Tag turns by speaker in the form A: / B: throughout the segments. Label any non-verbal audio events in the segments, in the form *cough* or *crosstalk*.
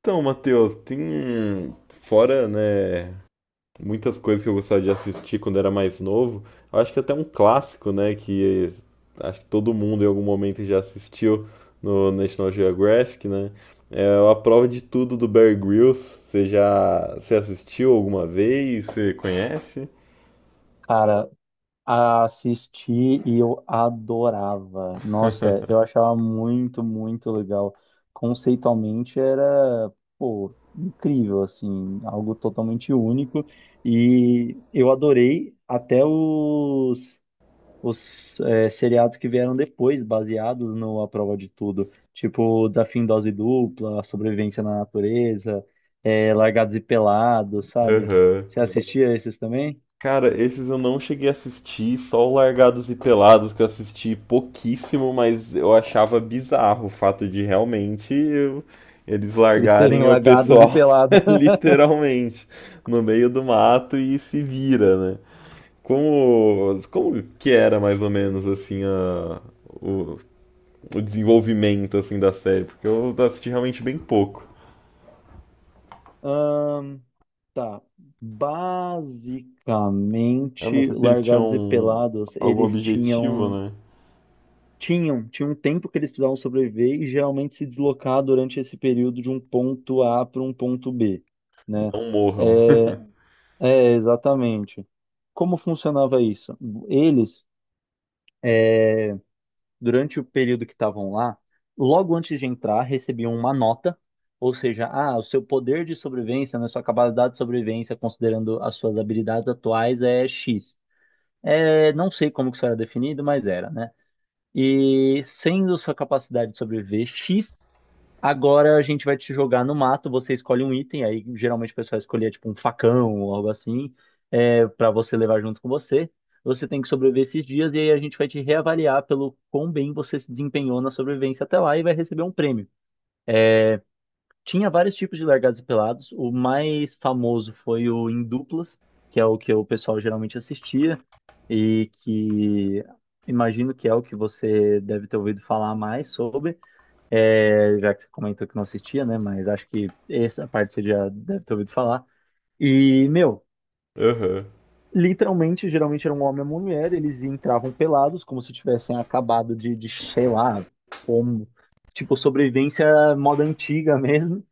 A: Então, Matheus, tem fora, né, muitas coisas que eu gostava de assistir quando era mais novo. Eu acho que até um clássico, né, que acho que todo mundo em algum momento já assistiu no National Geographic, né? É a prova de tudo do Bear Grylls. Você assistiu alguma vez? Você conhece?
B: Cara, assisti e eu adorava. Nossa, eu
A: *laughs*
B: achava muito, muito legal. Conceitualmente era, pô, incrível, assim, algo totalmente único. E eu adorei até os seriados que vieram depois, baseados no A Prova de Tudo. Tipo, Desafio em Dose Dupla, Sobrevivência na Natureza, Largados e Pelados, sabe?
A: Aham.
B: Você assistia esses também?
A: Cara, esses eu não cheguei a assistir, só o Largados e Pelados que eu assisti pouquíssimo, mas eu achava bizarro o fato de eles
B: Eles serem
A: largarem o
B: lagados e
A: pessoal
B: pelados.
A: *laughs*
B: *laughs*
A: literalmente no meio do mato e se vira, né? Como que era mais ou menos assim o, o desenvolvimento assim da série? Porque eu assisti realmente bem pouco.
B: Ahn, tá.
A: Eu não
B: Basicamente,
A: sei se eles
B: largados e
A: tinham
B: pelados,
A: algum
B: eles
A: objetivo,
B: tinham.
A: né?
B: Tinha um tempo que eles precisavam sobreviver e geralmente se deslocar durante esse período de um ponto A para um ponto B, né?
A: Não morram.
B: É, É, exatamente. Como funcionava isso? Eles durante o período que estavam lá, logo antes de entrar, recebiam uma nota, ou seja, ah, o seu poder de sobrevivência, né, sua capacidade de sobrevivência, considerando as suas habilidades atuais, é X. É, não sei como que isso era definido, mas era, né? E sendo sua capacidade de sobreviver X, agora a gente vai te jogar no mato, você escolhe um item, aí geralmente o pessoal escolhia tipo um facão ou algo assim, para você levar junto com você. Você tem que sobreviver esses dias e aí a gente vai te reavaliar pelo quão bem você se desempenhou na sobrevivência até lá e vai receber um prêmio. Tinha vários tipos de largados e pelados, o mais famoso foi o em duplas, que é o que o pessoal geralmente assistia e que imagino que é o que você deve ter ouvido falar mais sobre. É, já que você comentou que não assistia, né? Mas acho que essa parte você já deve ter ouvido falar. E, meu,
A: *laughs* Aham.
B: literalmente, geralmente era um homem e uma mulher, eles entravam pelados, como se tivessem acabado de sei lá, como, tipo, sobrevivência moda antiga mesmo.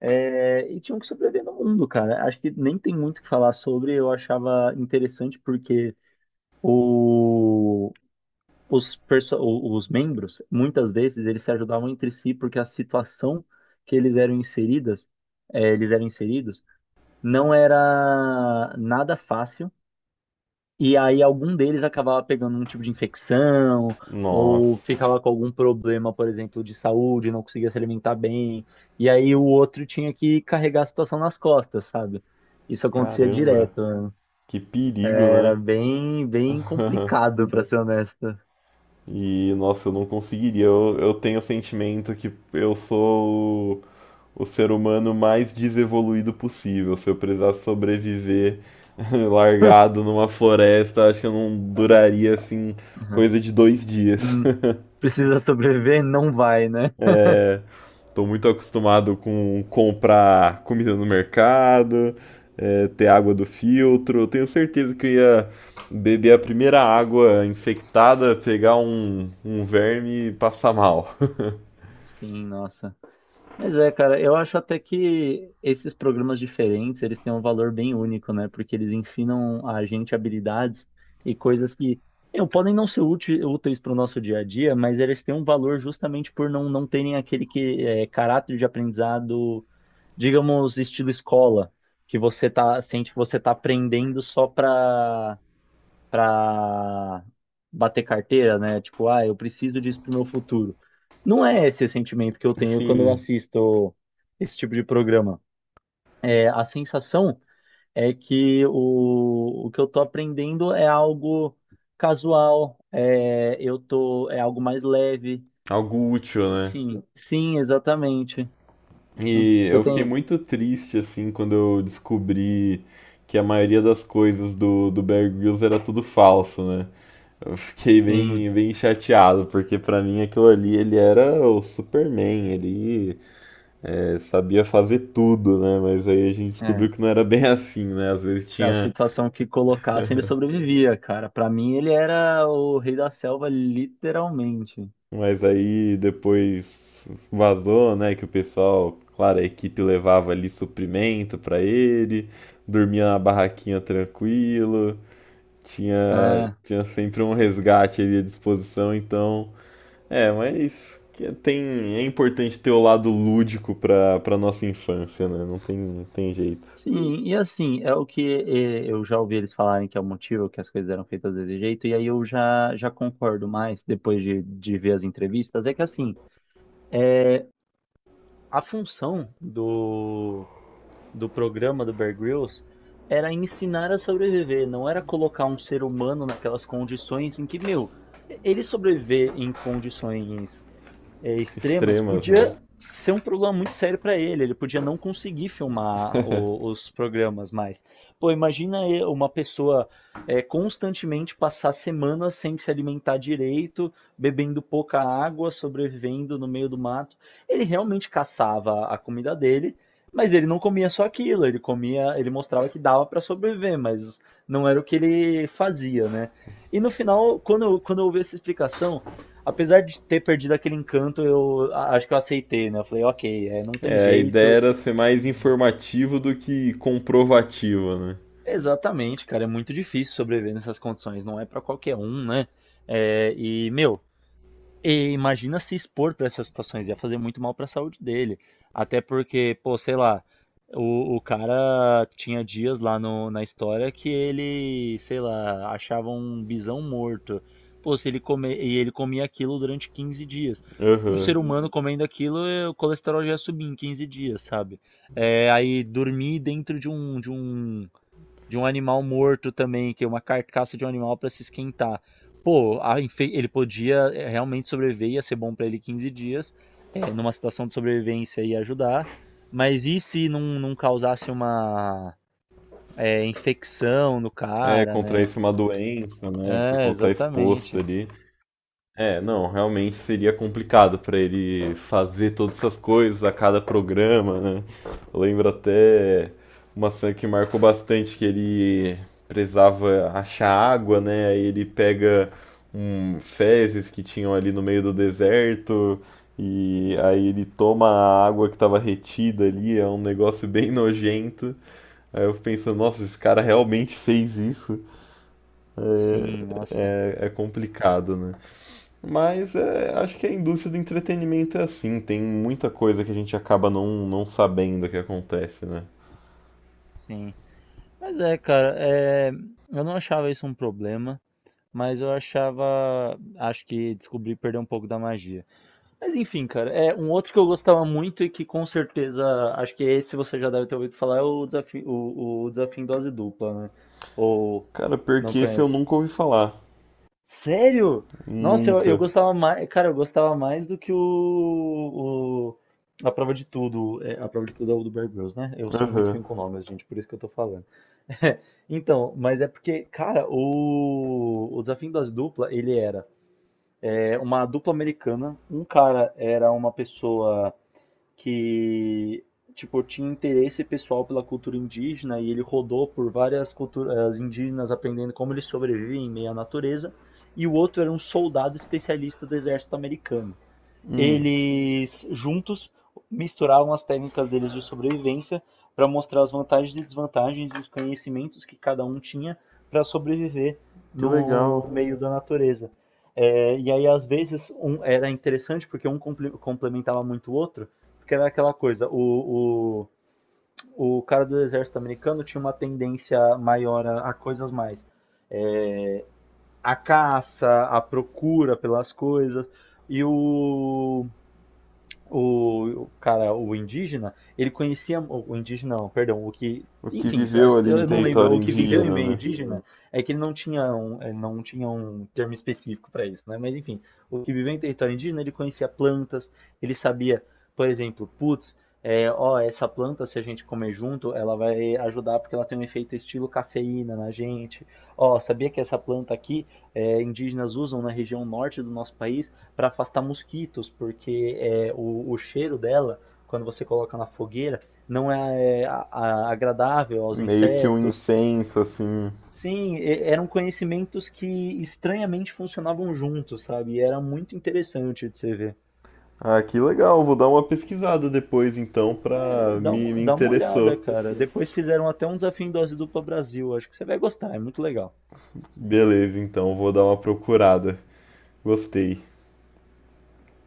B: É, e tinham que sobreviver no mundo, cara. Acho que nem tem muito o que falar sobre, eu achava interessante porque o os membros, muitas vezes, eles se ajudavam entre si porque a situação que eles eram inseridas, eles eram inseridos, não era nada fácil. E aí algum deles acabava pegando um tipo de infecção ou
A: Nossa.
B: ficava com algum problema, por exemplo, de saúde, não conseguia se alimentar bem. E aí o outro tinha que carregar a situação nas costas, sabe? Isso acontecia
A: Caramba,
B: direto, né?
A: que perigo,
B: Era
A: né?
B: bem, bem
A: *laughs*
B: complicado, pra ser honesto.
A: E, nossa, eu não conseguiria. Eu tenho o sentimento que eu sou o ser humano mais desevoluído possível. Se eu precisasse sobreviver *laughs* largado numa floresta, acho que eu não duraria assim coisa de dois dias.
B: Uhum.
A: *laughs*
B: Precisa sobreviver, não vai, né?
A: É, tô muito acostumado com comprar comida no mercado, ter água do filtro. Eu tenho certeza que eu ia beber a primeira água infectada, pegar um verme e passar mal.
B: Sim, nossa. Mas é, cara, eu acho até que esses programas diferentes, eles têm um valor bem único, né? Porque eles ensinam a gente habilidades e coisas que eu, podem não ser úteis para o nosso dia a dia, mas eles têm um valor justamente por não terem aquele que, é, caráter de aprendizado, digamos, estilo escola, que você tá, sente que você tá aprendendo só para bater carteira, né? Tipo, ah, eu preciso disso pro meu futuro. Não é esse o sentimento que eu
A: *laughs*
B: tenho quando eu
A: Assim,
B: assisto esse tipo de programa. É, a sensação é que o que eu tô aprendendo é algo casual, é, eu tô, é algo mais leve.
A: algo útil, né?
B: Enfim, sim, exatamente.
A: E
B: Você
A: eu fiquei
B: tem,
A: muito triste, assim, quando eu descobri que a maioria das coisas do Bear Grylls era tudo falso, né? Eu fiquei
B: sim,
A: bem chateado, porque pra mim aquilo ali, ele era o Superman, ele sabia fazer tudo, né? Mas aí a gente
B: é.
A: descobriu que não era bem *laughs* assim, né? Às vezes
B: A
A: tinha.
B: situação que colocasse, ele
A: *laughs*
B: sobrevivia, cara. Pra mim, ele era o rei da selva, literalmente.
A: Mas aí depois vazou, né? Que o pessoal, claro, a equipe levava ali suprimento pra ele, dormia na barraquinha tranquilo, tinha,
B: É,
A: tinha sempre um resgate ali à disposição, então. É, mas tem, é importante ter o lado lúdico pra nossa infância, né? Não tem jeito.
B: sim, e assim, é o que eu já ouvi eles falarem que é o motivo que as coisas eram feitas desse jeito, e aí eu já concordo mais depois de ver as entrevistas. É que assim, é, a função do programa do Bear Grylls era ensinar a sobreviver, não era colocar um ser humano naquelas condições em que, meu, ele sobreviver em condições extremas,
A: Extremas, né?
B: podia ser um problema muito sério para ele. Ele podia não conseguir filmar os programas mais. Pô, imagina uma pessoa constantemente passar semanas sem se alimentar direito, bebendo pouca água, sobrevivendo no meio do mato. Ele realmente caçava a comida dele, mas ele não comia só aquilo. Ele comia, ele mostrava que dava para sobreviver, mas não era o que ele fazia, né? E no final, quando eu ouvi essa explicação, apesar de ter perdido aquele encanto, acho que eu aceitei, né? Eu falei, ok, é, não tem
A: É, a ideia
B: jeito.
A: era ser mais informativo do que comprovativa, né?
B: Exatamente, cara, é muito difícil sobreviver nessas condições, não é pra qualquer um, né? É, e, meu, e imagina se expor para essas situações, ia fazer muito mal para a saúde dele. Até porque, pô, sei lá, o cara tinha dias lá na história que ele, sei lá, achava um bisão morto. Pô, se ele comer, e ele comia aquilo durante 15 dias. Um
A: Aham.
B: ser humano comendo aquilo, o colesterol já ia subir em 15 dias, sabe? É, aí dormir dentro de um de um animal morto também, que é uma carcaça de um animal para se esquentar. Pô, ele podia realmente sobreviver, ia ser bom para ele 15 dias, numa situação de sobrevivência ia ajudar, mas e se não causasse uma infecção no
A: É,
B: cara, né?
A: contrair-se uma doença, né? Por
B: É,
A: conta exposto
B: exatamente.
A: ali. É, não, realmente seria complicado para ele fazer todas essas coisas a cada programa, né? Eu lembro até uma cena que marcou bastante que ele precisava achar água, né? Aí ele pega um fezes que tinham ali no meio do deserto e aí ele toma a água que estava retida ali, é um negócio bem nojento. Aí eu fico pensando, nossa, esse cara realmente fez isso.
B: Sim, nossa,
A: É, complicado, né? Mas é, acho que a indústria do entretenimento é assim, tem muita coisa que a gente acaba não sabendo o que acontece, né?
B: sim. Mas é, cara, é, eu não achava isso um problema, mas eu achava, acho que descobri perder um pouco da magia. Mas enfim, cara, é um outro que eu gostava muito e que com certeza, acho que esse você já deve ter ouvido falar, é o desafio, o desafio em dose dupla, né? Ou
A: Cara,
B: não
A: porque esse eu
B: conhece?
A: nunca ouvi falar.
B: Sério? Nossa, eu
A: Nunca.
B: gostava mais, cara, eu gostava mais do que a prova de tudo, é, a prova de tudo é o do Bear Grylls, né? Eu sou muito
A: Aham.
B: ruim com nomes, gente, por isso que eu tô falando. *laughs* Então, mas é porque, cara, o desafio em dose dupla, ele era uma dupla americana, um cara era uma pessoa que tipo tinha interesse pessoal pela cultura indígena e ele rodou por várias culturas indígenas aprendendo como eles sobrevivem em meio à natureza. E o outro era um soldado especialista do exército americano.
A: Hum,
B: Eles juntos misturavam as técnicas deles de sobrevivência para mostrar as vantagens e desvantagens e os conhecimentos que cada um tinha para sobreviver
A: que legal.
B: no meio da natureza. É, e aí, às vezes, um, era interessante porque um complementava muito o outro, porque era aquela coisa, o cara do exército americano tinha uma tendência maior a coisas mais. é, a caça, a procura pelas coisas, e o cara, o indígena, ele conhecia. O indígena, não, perdão, o que.
A: O que
B: Enfim,
A: viveu ali em
B: eu não lembro.
A: território
B: O que viveu em
A: indígena,
B: meio
A: né?
B: indígena é que ele não tinha não tinha um termo específico para isso, né? Mas enfim, o que viveu em território indígena, ele conhecia plantas, ele sabia, por exemplo, putz, é, ó, essa planta, se a gente comer junto, ela vai ajudar porque ela tem um efeito estilo cafeína na gente. Ó, sabia que essa planta aqui, é, indígenas usam na região norte do nosso país para afastar mosquitos, porque é, o cheiro dela, quando você coloca na fogueira, não é agradável aos
A: Meio que um
B: insetos.
A: incenso, assim.
B: Sim, e- eram conhecimentos que estranhamente funcionavam juntos, sabe? E era muito interessante de você ver.
A: Ah, que legal, vou dar uma pesquisada depois então pra. Me, me
B: Dá uma olhada,
A: interessou.
B: cara. Depois fizeram até um desafio em dose dupla Brasil. Acho que você vai gostar, é muito legal.
A: Beleza, então vou dar uma procurada. Gostei.